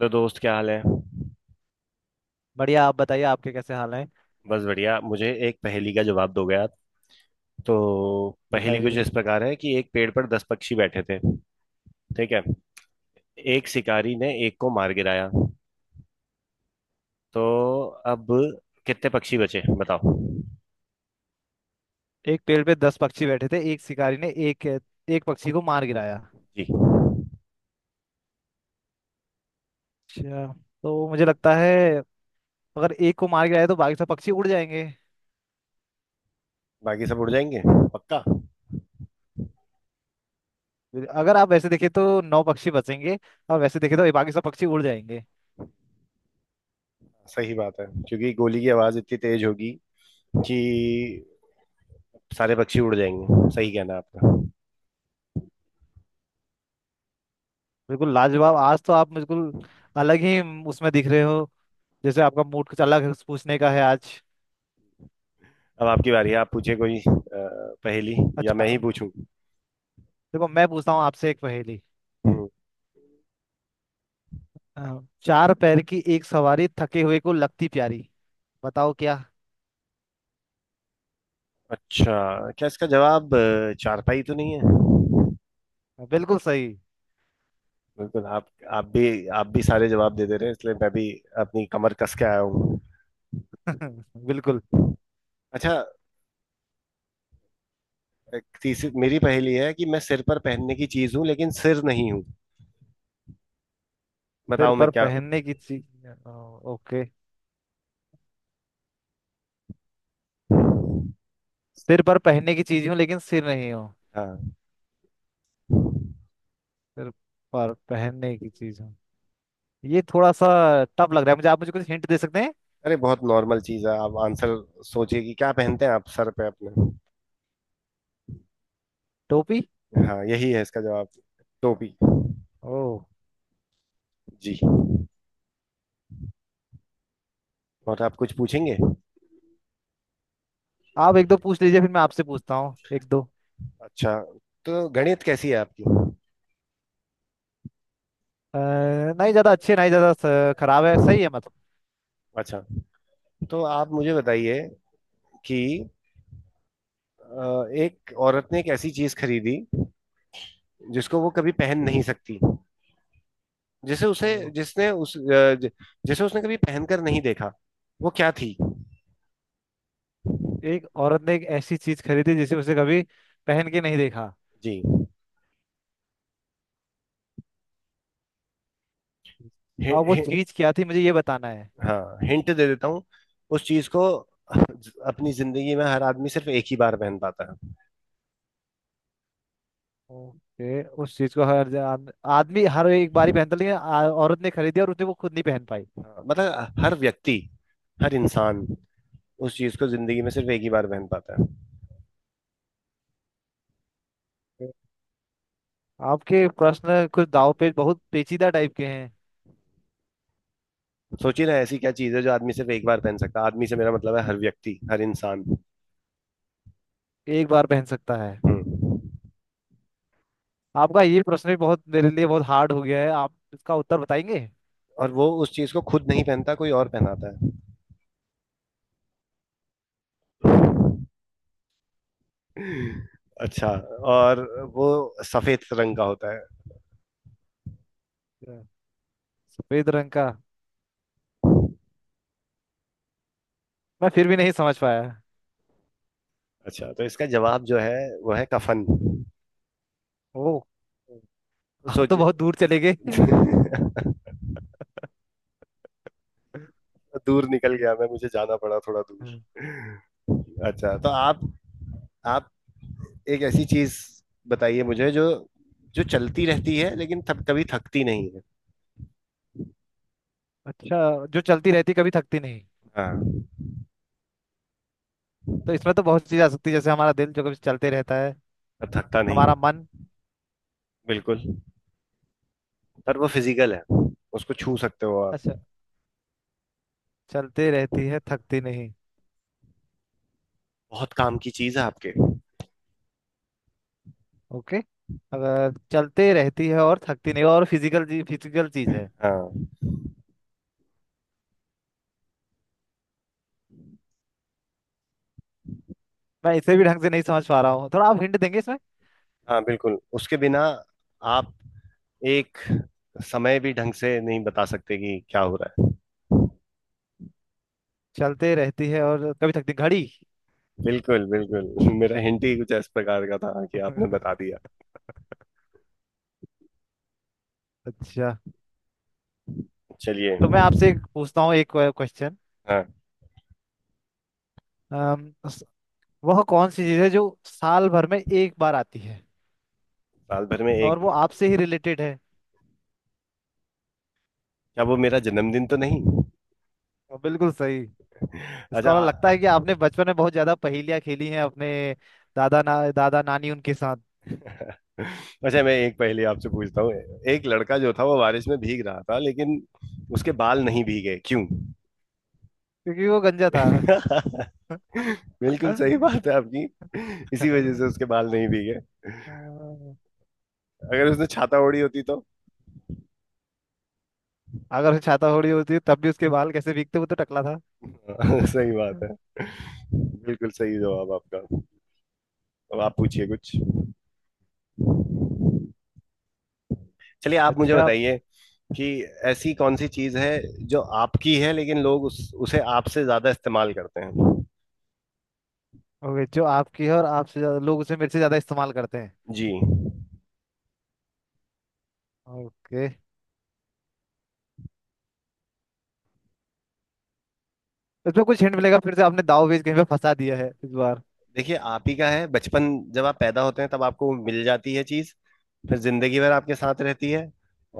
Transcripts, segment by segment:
तो दोस्त क्या हाल है। बढ़िया। आप बताइए, आपके कैसे हाल हैं। बस बढ़िया, मुझे एक पहेली का जवाब दोगे आप? तो पहेली कुछ बताइए। इस प्रकार है कि एक पेड़ पर 10 पक्षी बैठे थे। ठीक है, एक शिकारी ने एक को मार गिराया, तो अब कितने पक्षी बचे बताओ? एक पेड़ पे 10 पक्षी बैठे थे। एक शिकारी ने एक एक पक्षी को मार गिराया। जी, अच्छा, तो मुझे लगता है अगर एक को मार गिराया तो बाकी सब पक्षी उड़ जाएंगे। बाकी सब उड़ जाएंगे? पक्का? अगर आप वैसे देखें तो नौ पक्षी बचेंगे, और वैसे देखें तो ये बाकी सब पक्षी उड़ जाएंगे। सही बात है, क्योंकि गोली की आवाज इतनी तेज होगी कि सारे पक्षी उड़ जाएंगे। सही कहना है आपका। बिल्कुल लाजवाब। आज तो आप बिल्कुल अलग ही उसमें दिख रहे हो। जैसे आपका मूड कुछ अलग है, कुछ पूछने का है आज। अब आपकी बारी है, आप पूछे कोई पहेली, या अच्छा, मैं ही अब पूछूं? देखो, मैं पूछता हूँ आपसे एक पहेली। अ, चार पैर की एक सवारी, थके हुए को लगती प्यारी। बताओ क्या। अच्छा, क्या इसका जवाब चारपाई तो नहीं है? बिल्कुल सही। बिल्कुल। आप भी आप भी सारे जवाब दे दे रहे हैं, इसलिए मैं भी अपनी कमर कस के आया हूँ। बिल्कुल। अच्छा, एक तीसरी मेरी पहेली है कि मैं सिर पर पहनने की चीज हूँ लेकिन सिर नहीं हूँ। सिर बताओ मैं पर क्या हूँ? पहनने की चीज। ओके। सिर पर पहनने की चीज हूँ लेकिन सिर नहीं हूँ। हाँ। सिर पर पहनने की चीज हूँ। ये थोड़ा सा टफ लग रहा है मुझे। आप मुझे कुछ हिंट दे सकते हैं। अरे बहुत नॉर्मल चीज है, आप आंसर सोचिए कि क्या पहनते हैं आप सर पे अपने। टोपी। हाँ यही है इसका जवाब, टोपी। ओ। जी। और आप कुछ पूछेंगे? आप एक दो पूछ लीजिए, फिर मैं आपसे पूछता हूँ एक दो। अच्छा, तो गणित कैसी है आपकी? नहीं ज्यादा अच्छे नहीं, ज्यादा खराब है, सही है, मतलब। अच्छा, तो आप मुझे बताइए कि एक औरत ने एक ऐसी चीज खरीदी जिसको वो कभी पहन बिल- नहीं सकती, जिसे उसे ओ, जिसने उस अ, ज- जिसे उसने कभी पहनकर नहीं देखा। वो क्या थी? एक औरत ने एक ऐसी चीज खरीदी जिसे उसे कभी पहन के नहीं देखा। जी। हि, और वो हि, चीज क्या थी, मुझे ये बताना है। हाँ हिंट दे देता हूँ, उस चीज को अपनी जिंदगी में हर आदमी सिर्फ एक ही बार पहन पाता है। ओके, उस चीज को हर आदमी हर एक बारी पहनता, लेकिन औरत ने खरीदी और उसने वो खुद नहीं पहन पाई। हाँ, मतलब हर व्यक्ति, हर इंसान उस चीज को जिंदगी में सिर्फ एक ही बार पहन पाता है। आपके प्रश्न कुछ दाव पे बहुत पेचीदा टाइप के हैं। सोचिए ना ऐसी क्या चीज है जो आदमी सिर्फ एक बार पहन सकता है, आदमी से मेरा मतलब है हर व्यक्ति, हर इंसान। एक बार पहन सकता है। और आपका ये प्रश्न भी बहुत, मेरे लिए बहुत हार्ड हो गया है। आप इसका उत्तर बताएंगे। वो उस चीज को खुद नहीं पहनता, कोई और पहनाता है। अच्छा, और वो सफेद रंग का होता है। क्या? सफेद रंग का। मैं फिर भी नहीं समझ पाया। अच्छा, तो इसका जवाब जो है वो है कफन। ओ, आप सोच तो बहुत दूर चले गए। दूर निकल हम्म। गया मैं, मुझे जाना पड़ा थोड़ा दूर। हम्म। अच्छा, तो आप एक ऐसी चीज बताइए मुझे, जो जो चलती रहती है लेकिन कभी थकती नहीं है। अच्छा, जो चलती रहती कभी थकती नहीं, हाँ। तो इसमें तो बहुत चीज आ सकती है जैसे हमारा दिल जो कभी चलते रहता है। पर थकता नहीं? हमारा मन। बिल्कुल। पर वो फिजिकल है, उसको छू सकते हो आप। अच्छा, चलती रहती है थकती नहीं। बहुत काम की चीज है आपके। ओके। अगर चलती रहती है और थकती नहीं और फिजिकल चीज, फिजिकल चीज है। हाँ। मैं इसे भी ढंग से नहीं समझ पा रहा हूँ। थोड़ा आप हिंट देंगे इसमें। हाँ बिल्कुल, उसके बिना आप एक समय भी ढंग से नहीं बता सकते कि क्या हो रहा है। चलते रहती है और कभी थकती, घड़ी। बिल्कुल बिल्कुल मेरा हिंट ही कुछ इस प्रकार का था कि आपने बता दिया। अच्छा, चलिए। तो मैं आपसे एक पूछता हूँ, एक क्वेश्चन। हाँ। वह कौन सी चीज है जो साल भर में एक बार आती है? साल भर में और एक? वो आपसे ही रिलेटेड है। क्या वो मेरा जन्मदिन तो नहीं? और बिल्कुल सही। अच्छा इसका वाला आ- लगता है कि आपने बचपन में बहुत ज्यादा पहेलियां खेली हैं अपने दादा नानी उनके साथ। अच्छा, मैं एक पहेली आपसे पूछता हूँ। एक लड़का जो था वो बारिश में भीग रहा था, लेकिन उसके बाल नहीं भीगे, क्यों? क्योंकि वो गंजा था। बिल्कुल सही बात है आपकी, इसी वजह अगर से उसके बाल नहीं भीगे। अगर उसने छाता ओढ़ी होती तो उसे छाता ओढ़ी होती तब भी उसके बाल कैसे भीगते, वो तो टकला था। सही बात है, बिल्कुल सही जवाब आपका। अब आप पूछिए कुछ। चलिए आप मुझे अच्छा। बताइए कि ऐसी कौन सी चीज है जो आपकी है लेकिन लोग उस उसे आपसे ज्यादा इस्तेमाल करते हैं। ओके, जो आपकी है और आपसे लोग उसे मेरे से ज्यादा इस्तेमाल करते हैं। जी। ओके। इसमें कुछ हिंट मिलेगा? फिर से आपने दाव पेच कहीं पे फंसा दिया है इस बार। देखिए आप ही का है बचपन, जब आप पैदा होते हैं तब आपको मिल जाती है चीज, फिर जिंदगी भर आपके साथ रहती है,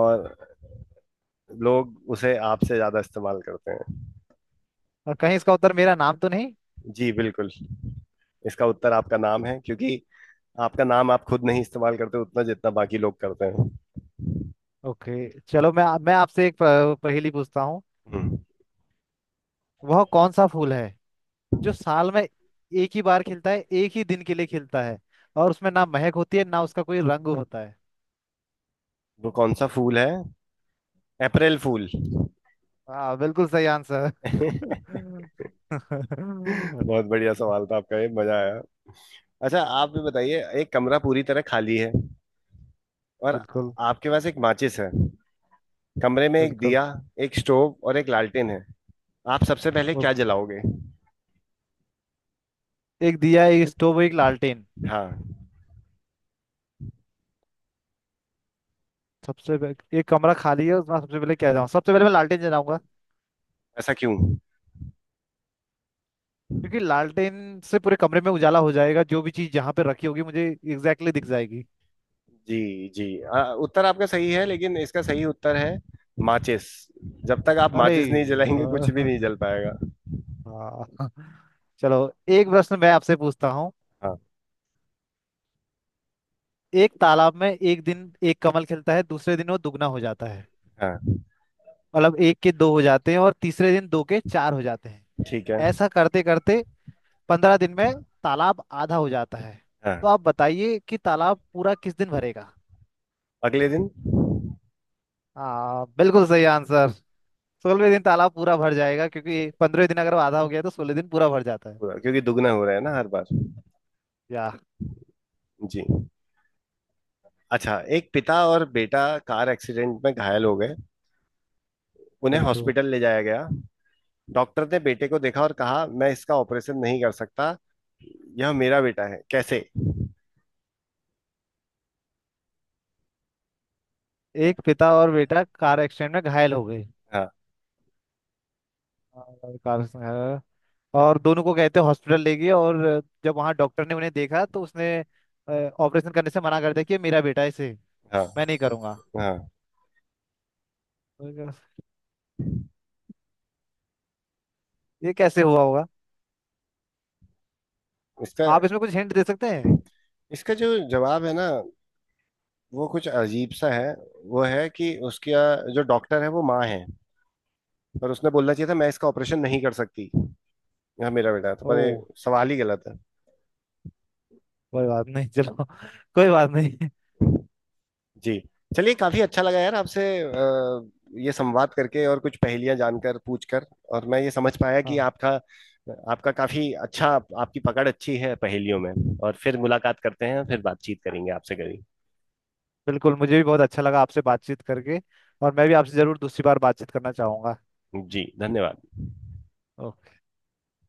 और लोग उसे आपसे ज्यादा इस्तेमाल करते हैं। और कहीं इसका उत्तर मेरा नाम तो नहीं? जी बिल्कुल, इसका उत्तर आपका नाम है, क्योंकि आपका नाम आप खुद नहीं इस्तेमाल करते उतना जितना बाकी लोग करते हैं। ओके। चलो, मैं आपसे एक पहेली पूछता हूँ। हम्म। वह कौन सा फूल है जो साल में एक ही बार खिलता है, एक ही दिन के लिए खिलता है, और उसमें ना महक होती है ना उसका कोई रंग होता है? वो कौन सा फूल है? अप्रैल फूल हाँ, बिल्कुल सही आंसर। बिल्कुल। बहुत बढ़िया सवाल था आपका, ये मजा आया। अच्छा आप भी बताइए, एक कमरा पूरी तरह खाली है और आपके पास एक माचिस है, कमरे में एक बिल्कुल। दिया, एक स्टोव और एक लालटेन है। आप सबसे पहले वो क्या जलाओगे? एक दिया, एक स्टोव, एक लालटेन। हाँ। एक कमरा खाली है, उसमें सबसे पहले क्या जाऊँ? सबसे पहले मैं लालटेन जलाऊंगा। ऐसा क्यों? क्योंकि लालटेन से पूरे कमरे में उजाला हो जाएगा। जो भी चीज जहाँ पे रखी होगी मुझे एग्जैक्टली exactly दिख जाएगी। जी जी, उत्तर आपका सही है लेकिन इसका सही उत्तर है माचिस। जब तक आप अरे माचिस नहीं जलाएंगे कुछ भी नहीं यार। जल पाएगा। हाँ। चलो। एक प्रश्न मैं आपसे पूछता हूँ। हाँ। एक तालाब में एक दिन एक कमल खिलता है, दूसरे दिन वो दुगना हो जाता है। हाँ। मतलब एक के दो हो जाते हैं, और तीसरे दिन दो के चार हो जाते हैं। ठीक है। ऐसा करते करते, 15 दिन में तालाब आधा हो जाता है। तो हाँ। आप बताइए कि तालाब पूरा किस दिन भरेगा। अगले दिन। हाँ, बिल्कुल सही आंसर। 16वें दिन तालाब पूरा भर जाएगा क्योंकि 15 दिन अगर वो आधा हो गया तो 16 दिन पूरा भर जाता है। पूरा, क्योंकि दुगना हो रहा है ना हर बार। या। जी। अच्छा, एक पिता और बेटा कार एक्सीडेंट में घायल हो गए, उन्हें बिल्कुल। हॉस्पिटल ले जाया गया। डॉक्टर ने बेटे को देखा और कहा मैं इसका ऑपरेशन नहीं कर सकता, यह मेरा बेटा है। कैसे? एक पिता और बेटा कार एक्सीडेंट में घायल हो गए, हाँ। और घायल। और दोनों को कहते हॉस्पिटल ले गए, और जब वहाँ डॉक्टर ने उन्हें देखा तो उसने ऑपरेशन करने से मना कर दिया कि ये मेरा बेटा है, इसे हाँ। मैं नहीं करूंगा। हाँ। मैं कहा, ये कैसे हुआ होगा? इसका आप इसमें कुछ हिंट दे सकते हैं? इसका जो जवाब है ना वो कुछ अजीब सा है। वो है कि उसका जो डॉक्टर है वो माँ है। पर उसने बोलना चाहिए था मैं इसका ऑपरेशन नहीं कर सकती, यह मेरा बेटा है। तो पर ये ओह। सवाल ही गलत है। कोई बात नहीं, चलो कोई बात नहीं। जी। चलिए काफी अच्छा लगा यार आपसे ये संवाद करके और कुछ पहेलियां जानकर पूछकर। और मैं ये समझ पाया कि हाँ, आपका आपका काफी अच्छा आपकी पकड़ अच्छी है पहेलियों में। और फिर मुलाकात करते हैं, फिर बातचीत करेंगे आपसे कभी। बिल्कुल, मुझे भी बहुत अच्छा लगा आपसे बातचीत करके। और मैं भी आपसे जरूर दूसरी बार बातचीत करना चाहूंगा। जी धन्यवाद।